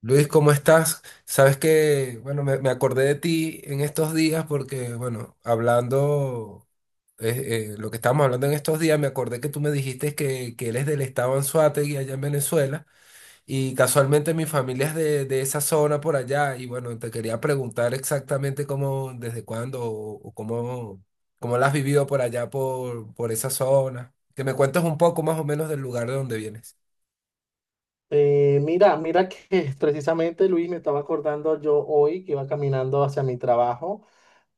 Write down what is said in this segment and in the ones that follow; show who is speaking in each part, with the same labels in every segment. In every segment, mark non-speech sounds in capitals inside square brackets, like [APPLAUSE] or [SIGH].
Speaker 1: Luis, ¿cómo estás? Sabes que, bueno, me acordé de ti en estos días porque, bueno, hablando, lo que estábamos hablando en estos días, me acordé que tú me dijiste que eres del estado Anzoátegui allá en Venezuela y casualmente mi familia es de esa zona por allá y, bueno, te quería preguntar exactamente cómo, desde cuándo o cómo, cómo la has vivido por allá, por esa zona. Que me cuentes un poco más o menos del lugar de donde vienes.
Speaker 2: Mira que [LAUGHS] precisamente Luis me estaba acordando yo hoy que iba caminando hacia mi trabajo.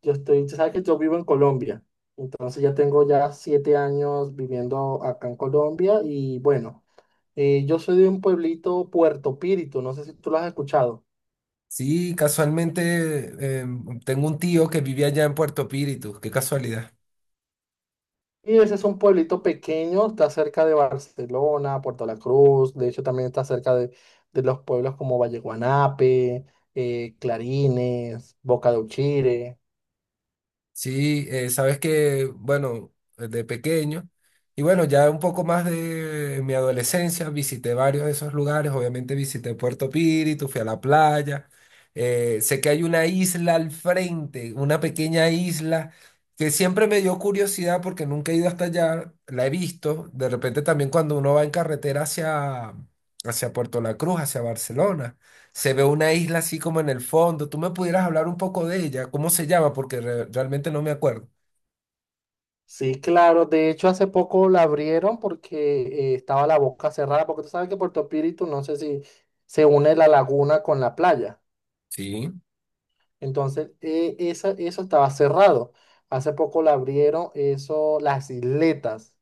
Speaker 2: Yo estoy, tú sabes que yo vivo en Colombia, entonces ya tengo ya 7 años viviendo acá en Colombia y bueno, yo soy de un pueblito Puerto Píritu, no sé si tú lo has escuchado.
Speaker 1: Sí, casualmente tengo un tío que vivía allá en Puerto Píritu, qué casualidad.
Speaker 2: Y ese es un pueblito pequeño, está cerca de Barcelona, Puerto La Cruz, de hecho también está cerca de los pueblos como Valle Guanape, Clarines, Boca de Uchire.
Speaker 1: Sí, sabes que, bueno, de pequeño, y bueno, ya un poco más de mi adolescencia, visité varios de esos lugares, obviamente visité Puerto Píritu, fui a la playa, sé que hay una isla al frente, una pequeña isla, que siempre me dio curiosidad porque nunca he ido hasta allá, la he visto, de repente también cuando uno va en carretera hacia, hacia Puerto La Cruz, hacia Barcelona. Se ve una isla así como en el fondo. ¿Tú me pudieras hablar un poco de ella? ¿Cómo se llama? Porque realmente no me acuerdo.
Speaker 2: Sí, claro. De hecho, hace poco la abrieron porque estaba la boca cerrada, porque tú sabes que Puerto Píritu, no sé si se une la laguna con la playa.
Speaker 1: Sí.
Speaker 2: Entonces, eso estaba cerrado. Hace poco la abrieron, eso, las isletas.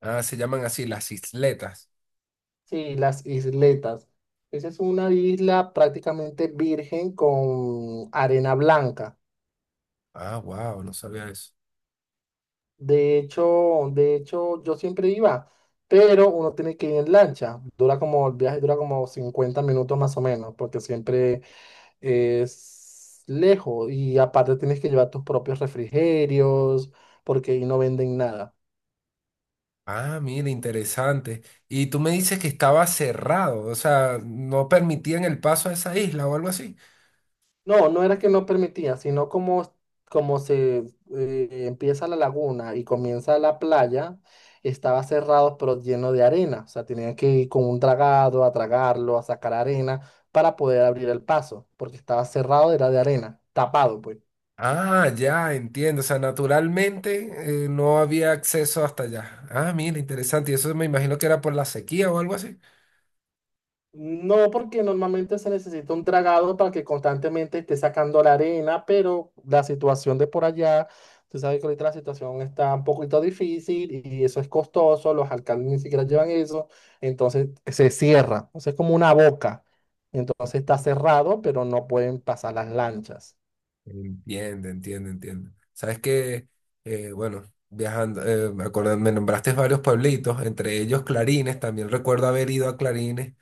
Speaker 1: Ah, se llaman así, las isletas.
Speaker 2: Sí, las isletas. Esa es una isla prácticamente virgen con arena blanca.
Speaker 1: Ah, wow, no sabía eso.
Speaker 2: De hecho, yo siempre iba, pero uno tiene que ir en lancha. Dura como, el viaje dura como 50 minutos más o menos, porque siempre es lejos. Y aparte tienes que llevar tus propios refrigerios, porque ahí no venden nada.
Speaker 1: Ah, mira, interesante. Y tú me dices que estaba cerrado, o sea, no permitían el paso a esa isla o algo así.
Speaker 2: No, no era que no permitía, sino como, como se empieza la laguna y comienza la playa, estaba cerrado pero lleno de arena. O sea, tenían que ir con un dragado a tragarlo, a sacar arena para poder abrir el paso, porque estaba cerrado, era de arena, tapado, pues.
Speaker 1: Ah, ya, entiendo. O sea, naturalmente no había acceso hasta allá. Ah, mira, interesante. Y eso me imagino que era por la sequía o algo así.
Speaker 2: No, porque normalmente se necesita un dragado para que constantemente esté sacando la arena, pero la situación de por allá, tú sabes que ahorita la situación está un poquito difícil y eso es costoso, los alcaldes ni siquiera llevan eso, entonces se cierra, o sea, es como una boca, entonces está cerrado, pero no pueden pasar las lanchas.
Speaker 1: Entiende, entiende, entiende. Sabes que, bueno, viajando, me nombraste varios pueblitos, entre ellos Clarines, también recuerdo haber ido a Clarines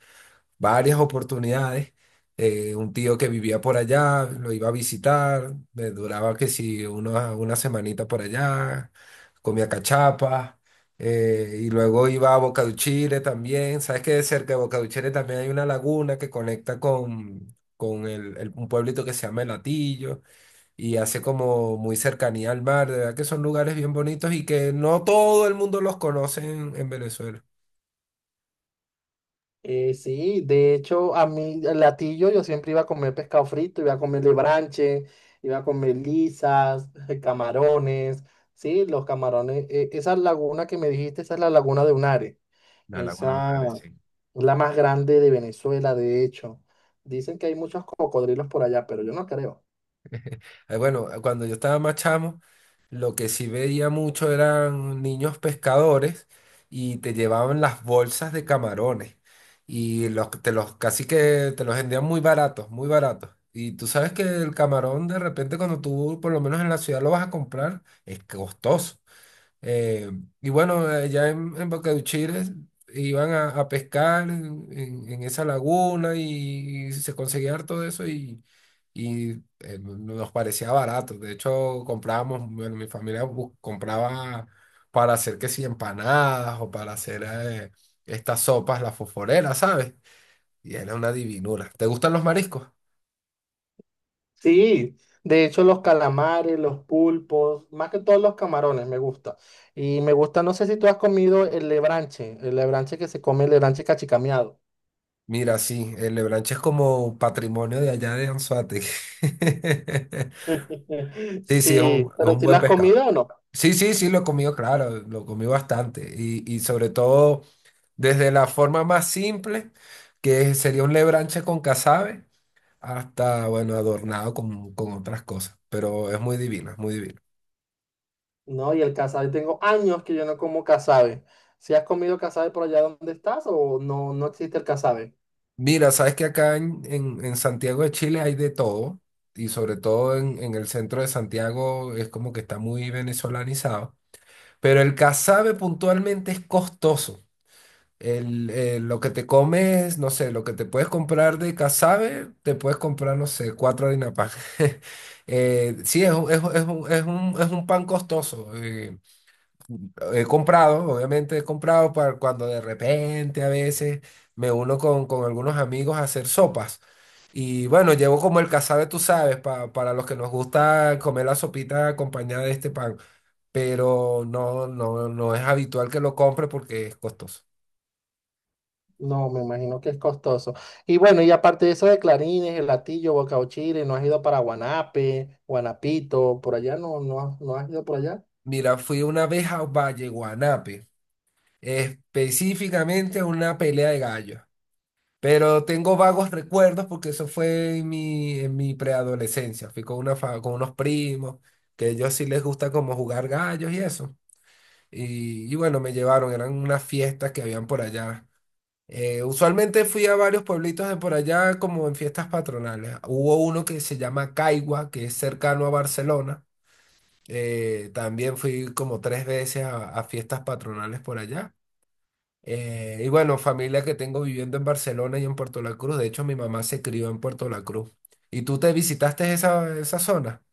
Speaker 1: varias oportunidades. Un tío que vivía por allá, lo iba a visitar, me duraba que si una semanita por allá, comía cachapa, y luego iba a Boca también. Sabes que cerca de Boca también hay una laguna que conecta con un pueblito que se llama El Hatillo y hace como muy cercanía al mar, de verdad que son lugares bien bonitos y que no todo el mundo los conoce en Venezuela.
Speaker 2: Sí, de hecho, a mí, el latillo, yo siempre iba a comer pescado frito, iba a comer lebranche, iba a comer lisas, [LAUGHS] camarones, sí, los camarones. Esa laguna que me dijiste, esa es la laguna de Unare.
Speaker 1: La Laguna
Speaker 2: Esa
Speaker 1: de sí.
Speaker 2: es la más grande de Venezuela, de hecho. Dicen que hay muchos cocodrilos por allá, pero yo no creo.
Speaker 1: Bueno, cuando yo estaba más chamo, lo que sí veía mucho eran niños pescadores y te llevaban las bolsas de camarones y los, te los casi que te los vendían muy baratos, muy baratos. Y tú sabes que el camarón de repente cuando tú, por lo menos en la ciudad, lo vas a comprar, es costoso. Eh, y bueno, allá en Bocauchires iban a pescar en, en esa laguna y, se conseguía harto de eso y, nos parecía barato. De hecho, comprábamos, bueno, compraba para hacer que si empanadas o para hacer estas sopas, las fosforeras, ¿sabes? Y era una divinura. ¿Te gustan los mariscos?
Speaker 2: Sí, de hecho los calamares, los pulpos, más que todos los camarones me gusta. Y me gusta, no sé si tú has comido el lebranche que se come, el lebranche cachicameado.
Speaker 1: Mira, sí, el Lebranche es como patrimonio de allá de Anzoátegui. [LAUGHS]
Speaker 2: [LAUGHS]
Speaker 1: Sí, es
Speaker 2: Sí,
Speaker 1: es
Speaker 2: pero
Speaker 1: un
Speaker 2: si lo
Speaker 1: buen
Speaker 2: has
Speaker 1: pescado.
Speaker 2: comido o no.
Speaker 1: Sí, sí, sí, lo he comido, claro, lo comí bastante. Y sobre todo desde la forma más simple, que sería un lebranche con casabe, hasta, bueno, adornado con otras cosas. Pero es muy divino, es muy divino.
Speaker 2: No, y el casabe, tengo años que yo no como casabe. ¿Si has comido casabe por allá donde estás o no, no existe el casabe?
Speaker 1: Mira, sabes que acá en, en Santiago de Chile hay de todo, y sobre todo en el centro de Santiago es como que está muy venezolanizado. Pero el casabe puntualmente es costoso. Lo que te comes, no sé, lo que te puedes comprar de casabe, te puedes comprar, no sé, cuatro harina pan. [LAUGHS] Sí, es un pan costoso. He comprado, obviamente he comprado para cuando de repente a veces me uno con algunos amigos a hacer sopas. Y bueno, llevo como el casabe, tú sabes, para los que nos gusta comer la sopita acompañada de este pan. Pero no, no, no es habitual que lo compre porque es costoso.
Speaker 2: No, me imagino que es costoso. Y bueno, y aparte de eso de clarines, el latillo, boca Bocauchire, ¿no has ido para Guanape, Guanapito, por allá? No, no, no has ido por allá.
Speaker 1: Mira, fui una vez a Valle Guanape, específicamente a una pelea de gallos. Pero tengo vagos recuerdos porque eso fue en mi preadolescencia. Fui con, con unos primos, que a ellos sí les gusta como jugar gallos y eso. Y bueno, me llevaron, eran unas fiestas que habían por allá. Usualmente fui a varios pueblitos de por allá como en fiestas patronales. Hubo uno que se llama Caigua, que es cercano a Barcelona también fui como 3 veces a fiestas patronales por allá. Y bueno, familia que tengo viviendo en Barcelona y en Puerto La Cruz. De hecho, mi mamá se crió en Puerto La Cruz. ¿Y tú te visitaste esa, esa zona?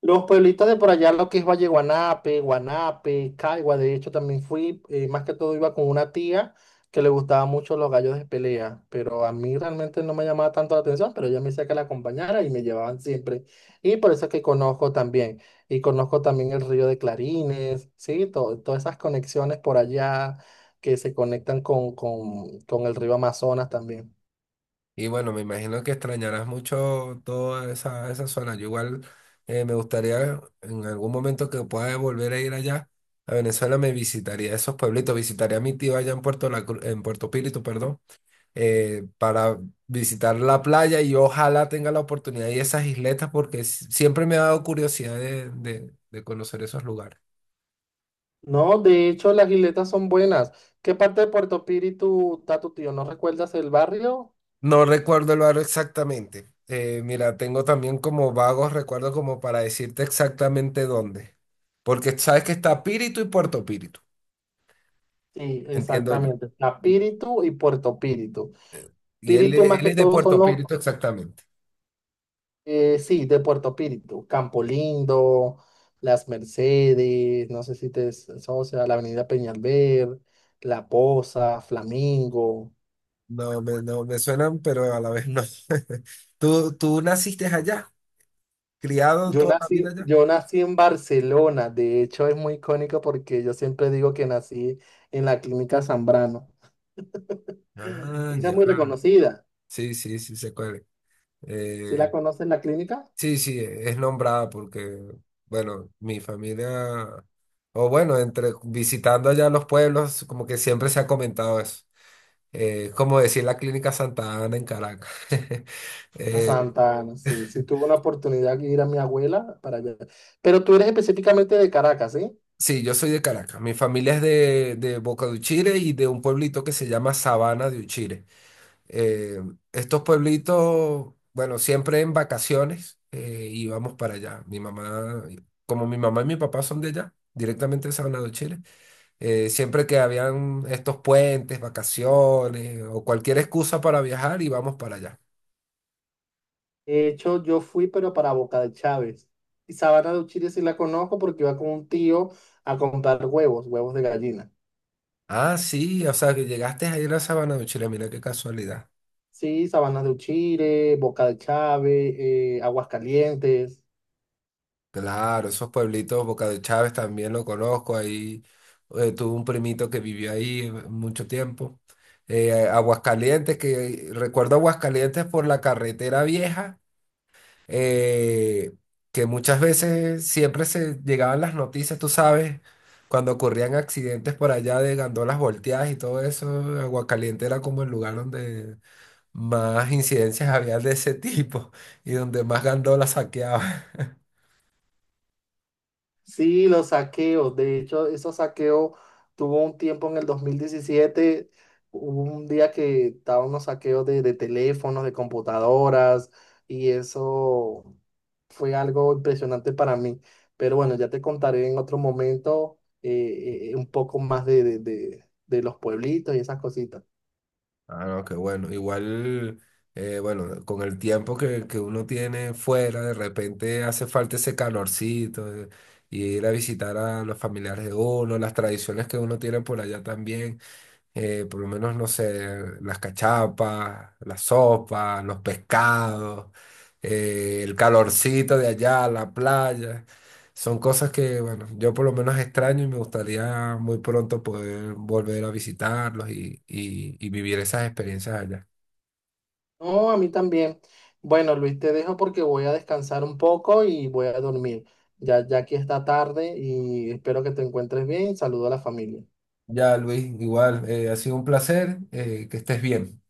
Speaker 2: Los pueblitos de por allá, lo que es Valle Guanape, Guanape, Caigua, de hecho también fui, más que todo iba con una tía que le gustaba mucho los gallos de pelea, pero a mí realmente no me llamaba tanto la atención, pero ella me decía que la acompañara y me llevaban siempre. Y por eso es que conozco también, y conozco también el río de Clarines, ¿sí? Todas esas conexiones por allá que se conectan con el río Amazonas también.
Speaker 1: Y bueno, me imagino que extrañarás mucho toda esa, esa zona. Yo igual me gustaría en algún momento que pueda volver a ir allá a Venezuela, me visitaría esos pueblitos, visitaría a mi tío allá en Puerto La Cruz, en Puerto Píritu, perdón. Para visitar la playa y ojalá tenga la oportunidad de esas isletas porque siempre me ha dado curiosidad de, de conocer esos lugares.
Speaker 2: No, de hecho las isletas son buenas. ¿Qué parte de Puerto Píritu está tu tío? ¿No recuerdas el barrio?
Speaker 1: No recuerdo el barrio exactamente. Mira, tengo también como vagos recuerdos como para decirte exactamente dónde. Porque sabes que está Píritu y Puerto Píritu,
Speaker 2: Sí,
Speaker 1: entiendo yo.
Speaker 2: exactamente. Está Píritu y Puerto Píritu.
Speaker 1: Y él,
Speaker 2: Píritu más
Speaker 1: él
Speaker 2: que
Speaker 1: es de
Speaker 2: todo son
Speaker 1: Puerto Píritu exactamente.
Speaker 2: sí, de Puerto Píritu. Campo Lindo, Las Mercedes, no sé si te asocia, la Avenida Peñalver, La Poza, Flamingo.
Speaker 1: No me suenan, pero a la vez no. [LAUGHS] ¿Tú, tú naciste allá? ¿Criado
Speaker 2: Yo
Speaker 1: toda la vida
Speaker 2: nací,
Speaker 1: allá?
Speaker 2: yo nací en Barcelona, de hecho es muy icónico porque yo siempre digo que nací en la clínica Zambrano.
Speaker 1: Ah,
Speaker 2: Ella es
Speaker 1: ya.
Speaker 2: muy reconocida.
Speaker 1: Sí, sí, sí, sé cuál. Es.
Speaker 2: ¿Si la
Speaker 1: Eh,
Speaker 2: conoce en la clínica?
Speaker 1: sí, sí, es nombrada porque, bueno, mi familia, o bueno, entre visitando allá los pueblos, como que siempre se ha comentado eso. Es como decir la Clínica Santa Ana en Caracas. [LAUGHS]
Speaker 2: A
Speaker 1: Eh,
Speaker 2: Santa Ana, sí. Sí tuve una oportunidad de ir a mi abuela para allá. Pero tú eres específicamente de Caracas, ¿sí?
Speaker 1: sí, yo soy de Caracas. Mi familia es de Boca de Uchire y de un pueblito que se llama Sabana de Uchire. Eh, estos pueblitos, bueno, siempre en vacaciones íbamos para allá. Mi mamá, como mi mamá y mi papá son de allá, directamente de Salvador, Chile, siempre que habían estos puentes, vacaciones o cualquier excusa para viajar, íbamos para allá.
Speaker 2: De hecho, yo fui, pero para Boca de Chávez. Y Sabana de Uchiri sí la conozco porque iba con un tío a comprar huevos, huevos de gallina.
Speaker 1: Ah, sí, o sea que llegaste ayer a Sabana de Chile, mira qué casualidad.
Speaker 2: Sí, Sabana de Uchiri, Boca de Chávez, Aguascalientes.
Speaker 1: Claro, esos pueblitos, Boca de Chávez también lo conozco, ahí tuve un primito que vivió ahí mucho tiempo. Aguascalientes, que recuerdo Aguascalientes por la carretera vieja, eh, que muchas veces siempre se llegaban las noticias, tú sabes, cuando ocurrían accidentes por allá de gandolas volteadas y todo eso, Aguascalientes era como el lugar donde más incidencias había de ese [LAUGHS] tipo y donde más gandolas saqueaban.
Speaker 2: Sí, los saqueos. De hecho, esos saqueos tuvo un tiempo en el 2017, hubo un día que estaban unos saqueos de teléfonos, de computadoras, y eso fue algo impresionante para mí. Pero bueno, ya te contaré en otro momento un poco más de los pueblitos y esas cositas.
Speaker 1: Ah, no, qué bueno. Igual, bueno, con el tiempo que uno tiene fuera, de repente hace falta ese calorcito, y ir a visitar a los familiares de uno, las tradiciones que uno tiene por allá también por lo menos, no sé, las cachapas, la sopa, los pescados, el calorcito de allá, la playa. Son cosas que, bueno, yo por lo menos extraño y me gustaría muy pronto poder volver a visitarlos y, y vivir esas experiencias allá.
Speaker 2: No, a mí también. Bueno, Luis, te dejo porque voy a descansar un poco y voy a dormir. Ya, ya aquí está tarde y espero que te encuentres bien. Saludo a la familia.
Speaker 1: Ya, Luis, igual, ha sido un placer, que estés bien.